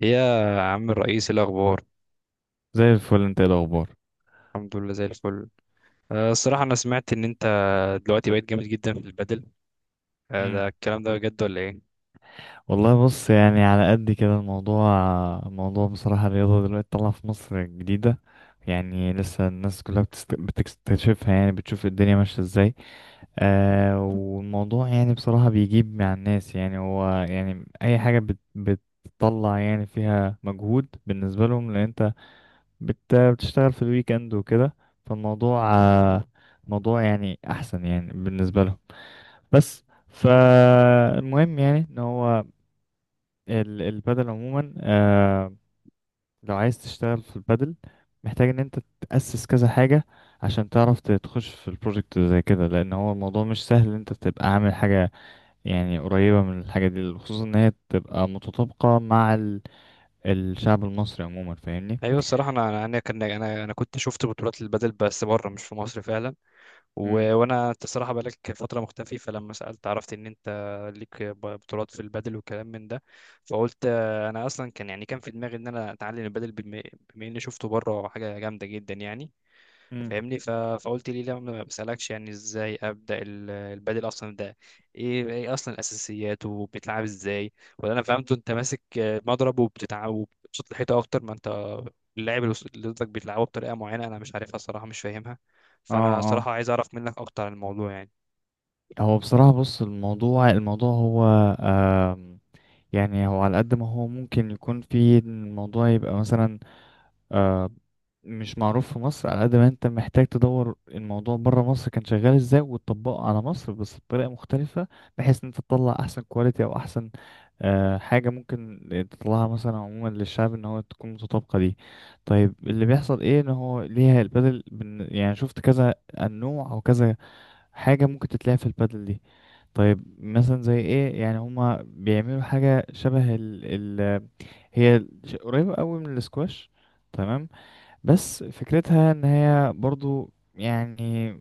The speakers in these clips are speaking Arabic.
يا عم الرئيس، إيه الاخبار؟ زي الفل، انت ايه الاخبار؟ الحمد لله زي الفل. الصراحه انا سمعت ان انت دلوقتي بقيت جامد جدا في البادل. امم ده الكلام ده بجد ولا ايه؟ والله بص، يعني على قد كده الموضوع بصراحة الرياضة دلوقتي طالعة في مصر جديدة. يعني لسه الناس كلها بتكتشفها، يعني بتشوف الدنيا ماشية ازاي. والموضوع يعني بصراحة بيجيب مع الناس، يعني هو يعني أي حاجة بتطلع يعني فيها مجهود بالنسبة لهم، لأن انت بتشتغل في الويك اند وكده. فالموضوع موضوع يعني احسن يعني بالنسبه لهم. بس فالمهم يعني ان هو البدل عموما. لو عايز تشتغل في البدل محتاج ان انت تأسس كذا حاجه، عشان تعرف تخش في البروجكت زي كده، لان هو الموضوع مش سهل ان انت تبقى عامل حاجه يعني قريبه من الحاجه دي، خصوصا ان هي تبقى متطابقه مع الشعب المصري عموما، فاهمني؟ ايوه الصراحه انا انا أنا كان انا انا كنت شفت بطولات البادل بس بره مش في مصر فعلا. امم وانا انت الصراحه بقالك فتره مختفي، فلما سالت عرفت ان انت ليك بطولات في البادل وكلام من ده. فقلت انا اصلا كان يعني كان في دماغي ان انا اتعلم البادل، بما اني شفته بره حاجه جامده جدا يعني. مم. فاهمني؟ فقلت ليه لا ما بسألكش يعني ازاي ابدأ البادل اصلا ده. ايه اصلا الاساسيات؟ وبيتلعب ازاي؟ ولا انا فهمته انت ماسك مضرب وبتتعب وبتشوط الحيطه اكتر ما انت اللاعب اللي اللي ضدك بيلعبه بطريقه معينه انا مش عارفها الصراحه، مش فاهمها. فانا اه، صراحه عايز اعرف منك اكتر عن الموضوع يعني. هو بصراحة بص الموضوع هو آم، يعني هو على قد ما هو ممكن يكون، في إن الموضوع يبقى مثلا آه، مش معروف في مصر، على قد ما انت محتاج تدور الموضوع بره مصر كان شغال ازاي وتطبقه على مصر بس بطريقة مختلفة، بحيث ان انت تطلع احسن كواليتي، او احسن حاجة ممكن تطلعها مثلا عموما للشعب ان هو تكون متطابقة دي. طيب اللي بيحصل ايه؟ ان هو ليها البدل يعني شفت كذا النوع او كذا حاجة ممكن تتلعب في البادل دي. طيب مثلا زي ايه؟ يعني هما بيعملوا حاجة شبه ال هي قريبة قوي من الاسكواش، تمام؟ بس فكرتها ان هي برضو يعني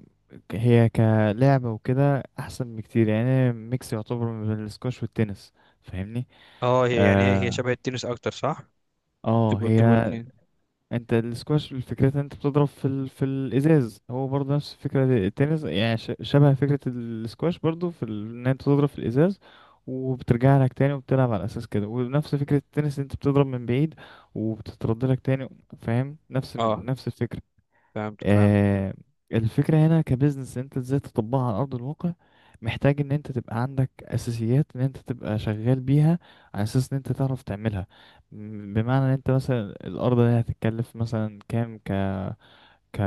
هي كلعبة وكده احسن بكتير، يعني ميكس يعتبر من الاسكواش والتنس، فاهمني؟ اه، هي هي اه. شبه التنس اكتر، صح؟ تبقوا هي تبقوا اتنين. انت السكواش الفكرة ان انت بتضرب في في الازاز، هو برضه نفس فكرة التنس، يعني شبه فكرة السكواش برضه في ان انت تضرب في الازاز وبترجع لك تاني وبتلعب على اساس كده، ونفس فكرة التنس انت بتضرب من بعيد وبتترد لك تاني، فاهم؟ اه، نفس الفكرة. فهمتك، فهمت. آه، الفكرة هنا كبزنس انت ازاي تطبقها على ارض الواقع؟ محتاج ان انت تبقى عندك اساسيات ان انت تبقى شغال بيها، على اساس ان انت تعرف تعملها. بمعنى ان انت مثلا الارض دي هتتكلف مثلا كام، ك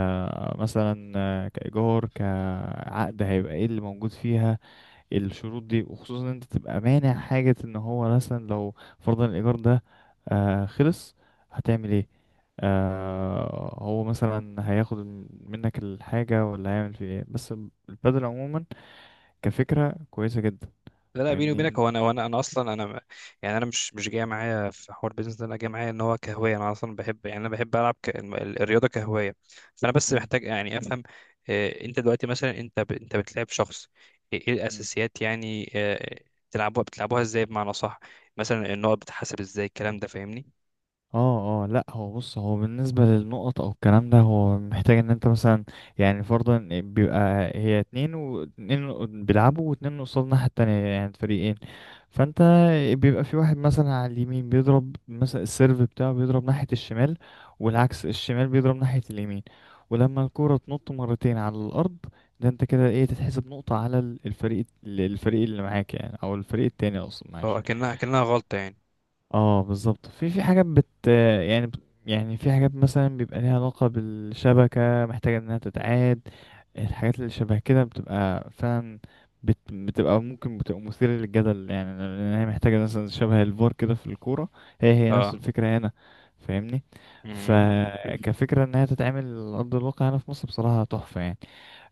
مثلا كايجار كعقد هيبقى ايه اللي موجود فيها، الشروط دي، وخصوصا ان انت تبقى مانع حاجة ان هو مثلا لو فرضا الايجار ده خلص هتعمل ايه؟ هو مثلا هياخد منك الحاجة، ولا هيعمل فيه ايه؟ بس البدل عموما كفكرة كويسة جدا، لا لا، بيني وبينك فاهمني؟ هو انا اصلا انا يعني انا مش جاي معايا في حوار بيزنس ده، انا جاي معايا ان هو كهوايه، انا اصلا بحب يعني انا بحب العب الرياضه كهوايه. فانا بس مم. محتاج يعني افهم انت دلوقتي مثلا انت بتلعب شخص، إيه الاساسيات يعني؟ بتلعبوها ازاي بمعنى صح؟ مثلا النقط بتتحسب ازاي، الكلام ده، فاهمني؟ اه اه لا، هو بص هو بالنسبة للنقط او الكلام ده هو محتاج ان انت مثلا، يعني فرضا بيبقى هي اتنين واتنين بيلعبوا، واتنين قصاد الناحية التانية، يعني فريقين. فانت بيبقى في واحد مثلا على اليمين بيضرب مثلا السيرف بتاعه، بيضرب ناحية الشمال، والعكس الشمال بيضرب ناحية اليمين. ولما الكرة تنط مرتين على الارض، ده انت كده ايه، تتحسب نقطة على الفريق اللي معاك يعني، او الفريق التاني اصلا، اه، معلش. اكنها غلطه يعني. اه بالظبط، في حاجات يعني يعني في حاجات مثلا بيبقى ليها علاقة بالشبكة محتاجة انها تتعاد. الحاجات اللي شبه كده بتبقى فعلا بتبقى، ممكن بتبقى مثيرة للجدل، يعني لأن هي محتاجة مثلا شبه الفار كده في الكورة. هي نفس اه. الفكرة هنا، فاهمني؟ مم. فكفكرة إن هي تتعمل على أرض الواقع هنا في مصر بصراحة تحفة يعني.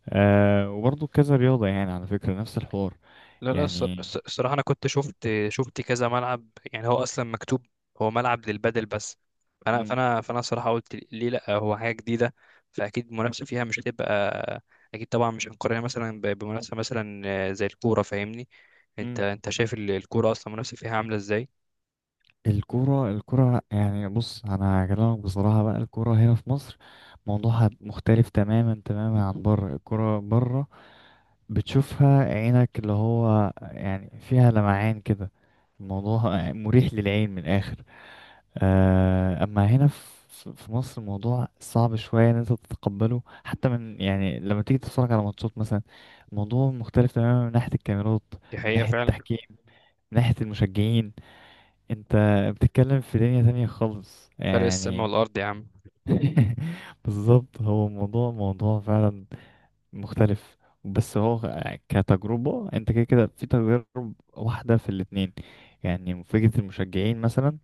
وبرضه كذا رياضة يعني على فكرة نفس الحوار لا لا، يعني. الصراحة أنا كنت شفت كذا ملعب يعني هو أصلا مكتوب هو ملعب للبادل بس. مم. فأنا الصراحة قلت ليه لأ، هو حاجة جديدة، فأكيد المنافسة فيها مش هتبقى، أكيد طبعا مش هنقارنها مثلا بمنافسة مثلا زي الكورة. فاهمني؟ مم. أنت شايف الكورة أصلا المنافسة فيها عاملة إزاي. الكورة يعني بص، أنا هكلمك بصراحة بقى. الكورة هنا في مصر موضوعها مختلف تماما تماما عن بره. الكورة بره بتشوفها عينك، اللي هو يعني فيها لمعان كده، الموضوع مريح للعين من الآخر. أما هنا في مصر الموضوع صعب شوية إن أنت تتقبله، حتى من يعني لما تيجي تتفرج على ماتشات مثلا الموضوع مختلف تماما، من ناحية الكاميرات، دي من حقيقة ناحية فعلا. التحكيم، من ناحية المشجعين. انت بتتكلم في دنيا تانية خالص فرق السما يعني. والأرض يا عم. بالظبط، هو موضوع فعلا مختلف. بس هو كتجربة انت، كده كده في تجارب واحدة في الاتنين. يعني فكرة المشجعين مثلا،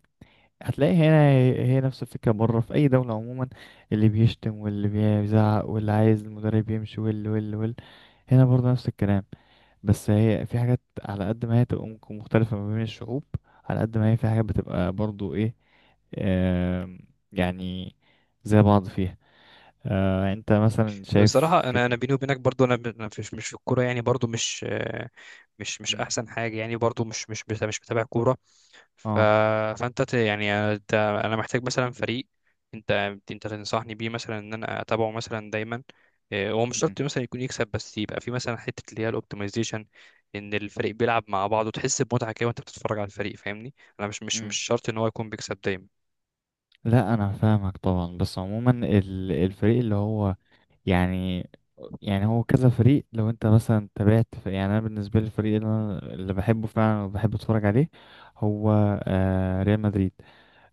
هتلاقي هنا هي نفس الفكرة بره في أي دولة عموما. اللي بيشتم، واللي بيزعق، واللي عايز المدرب يمشي، واللي واللي واللي. هنا برضه نفس الكلام. بس هي في حاجات على قد ما هي تبقى ممكن مختلفة ما بين الشعوب، على قد ما هي في حاجات بتبقى برضو ايه، آم، يعني زي بعض فيها. انت مثلا شايف بصراحة أنا فكرة. بيني وبينك برضو أنا أنا مش في الكورة يعني، برضو مش مم. أحسن حاجة يعني، برضو مش متابع كورة. ف... اه. فانت ت... يعني انت... انا محتاج مثلا فريق، انت انت تنصحني بيه مثلا ان انا اتابعه مثلا دايما. هو مش مم. شرط مثلا يكون يكسب، بس يبقى في مثلا حته اللي هي الاوبتمايزيشن، ان الفريق بيلعب مع بعض وتحس بمتعه كده وانت بتتفرج على الفريق، فاهمني؟ انا مش مم. شرط ان هو يكون بيكسب دايما. لا انا فاهمك طبعا. بس عموما الفريق اللي هو يعني يعني هو كذا فريق، لو انت مثلا تابعت في يعني. انا بالنسبه لي الفريق اللي انا اللي بحبه فعلا وبحب اتفرج عليه هو ريال مدريد.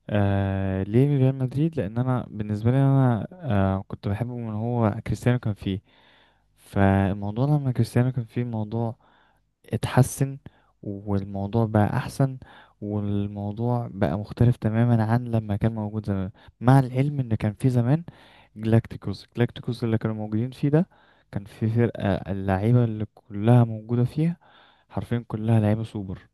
ليه ريال مدريد؟ لان انا بالنسبه لي انا كنت بحبه من هو كريستيانو كان فيه. فالموضوع لما كريستيانو كان فيه الموضوع اتحسن، والموضوع بقى احسن، والموضوع بقى مختلف تماما عن لما كان موجود زمان. مع العلم ان كان فيه زمان جلاكتيكوس، جلاكتيكوس اللي كانوا موجودين فيه ده كان في فرقه اللعيبه اللي كلها موجوده فيها، حرفيا كلها لعيبه سوبر.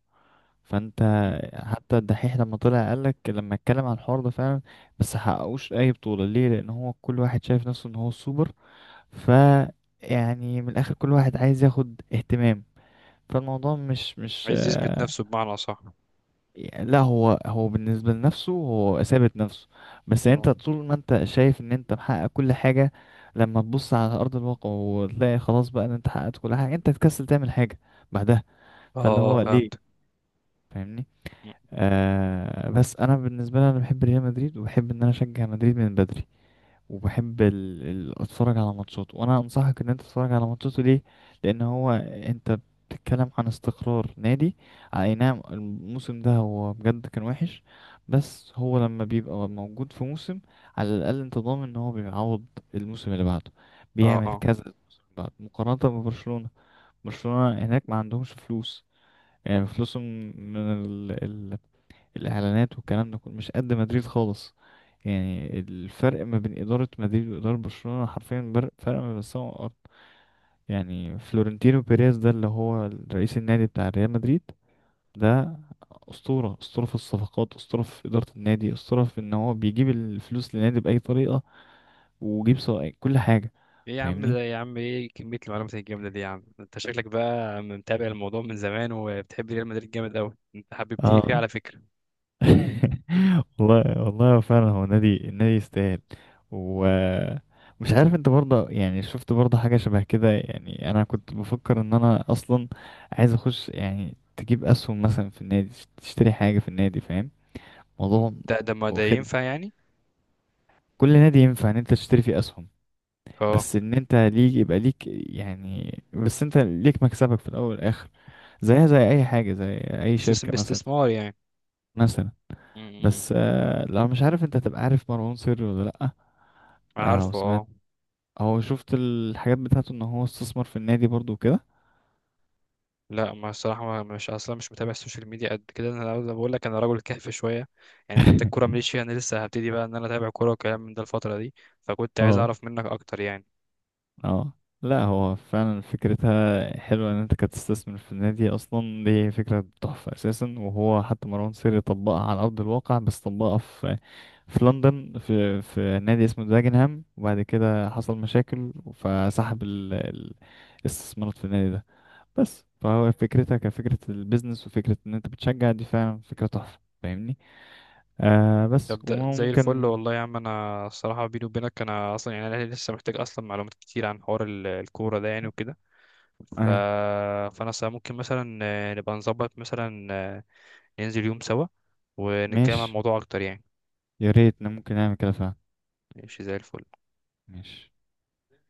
فانت مم. حتى الدحيح لما طلع قالك، لما اتكلم عن الحوار ده فعلا، بس حققوش اي بطولة ليه؟ لان هو كل واحد شايف نفسه ان هو السوبر. ف يعني من الاخر كل واحد عايز ياخد اهتمام. فالموضوع مش مش عايز يثبت آه، نفسه بمعنى صح؟ لا، هو بالنسبة لنفسه هو ثابت نفسه. بس اه. انت طول ما انت شايف ان انت محقق كل حاجة، لما تبص على ارض الواقع وتلاقي خلاص بقى ان انت حققت كل حاجة، انت تكسل تعمل حاجة بعدها، فاللي اه، هو ليه، فهمت. فاهمني؟ بس انا بالنسبه لي انا بحب ريال مدريد، وبحب ان انا اشجع مدريد من بدري. وبحب اتفرج على ماتشاته، وانا انصحك ان انت تتفرج على ماتشاته. ليه؟ لان هو انت بتتكلم عن استقرار نادي. اي نعم الموسم ده هو بجد كان وحش، بس هو لما بيبقى موجود في موسم، على الاقل انت ضامن ان هو بيعوض الموسم اللي بعده، اه. بيعمل اه، كذا الموسم اللي بعده مقارنه ببرشلونه. برشلونه هناك ما عندهمش فلوس، يعني فلوسهم من ال... الاعلانات والكلام ده كله مش قد مدريد خالص. يعني الفرق ما بين اداره مدريد واداره برشلونه حرفيا فرق ما بين السماء والارض. يعني فلورنتينو بيريز ده اللي هو رئيس النادي بتاع ريال مدريد، ده اسطوره، اسطوره في الصفقات، اسطوره في اداره النادي، اسطوره في ان هو بيجيب الفلوس للنادي باي طريقه، ويجيب سواء كل حاجه، ايه يا عم فاهمني؟ ده، يا عم ايه كمية المعلومات الجامدة دي، يا عم انت شكلك بقى متابع الموضوع من زمان وبتحب ريال مدريد جامد قوي، انت حببتني فيه اه. على فكرة. والله والله هو فعلا هو نادي يستاهل. ومش عارف انت برضه يعني شفت برضه حاجة شبه كده؟ يعني انا كنت بفكر ان انا اصلا عايز اخش، يعني تجيب اسهم مثلا في النادي، تشتري حاجة في النادي، فاهم مم. موضوع ده ده ما ده واخد؟ ينفع يعني؟ كل نادي ينفع ان انت تشتري فيه اسهم، اه. بس ان انت ليك يبقى ليك يعني، بس انت ليك مكسبك في الاول والاخر، زيها زي اي حاجة، زي اي شركة سيستم مثلا، استثمار يعني. مثلا. مم. بس لا، مش عارف انت تبقى عارف مروان سري ولا لأ؟ عارفه، وسمعت اه. هو شفت الحاجات بتاعته ان هو استثمر في النادي برضو وكده. لا، ما الصراحة مش متابع السوشيال ميديا قد كده، أنا بقول لك أنا راجل كهف شوية يعني، حتى الكورة ماليش فيها، أنا لسه هبتدي بقى إن أنا أتابع كورة وكلام من ده الفترة دي. فكنت عايز اه أعرف منك أكتر يعني. اه، لا هو فعلا فكرتها حلوة ان انت كنت تستثمر في النادي اصلا، دي فكرة تحفة اساسا. وهو حتى مروان سري طبقها على ارض الواقع، بس طبقها في لندن، في نادي اسمه داجنهام، وبعد كده حصل مشاكل فسحب الاستثمارات في النادي ده. بس فهو فكرتها كفكرة البيزنس، وفكرة ان انت بتشجع، دي فعلا فكرة تحفة، فاهمني؟ بس طب ده زي الفل وممكن. والله يا عم. أنا الصراحة بيني وبينك أنا أصلا يعني أنا لسه محتاج أصلا معلومات كتير عن حوار الكورة ده يعني وكده. ف... آه ممكن مثلا نبقى نظبط مثلا ننزل يوم سوا ونتكلم عن ماشي، الموضوع اكتر يعني. يا ريت إن ممكن نعمل كده فعلا. ماشي زي الفل. ماشي.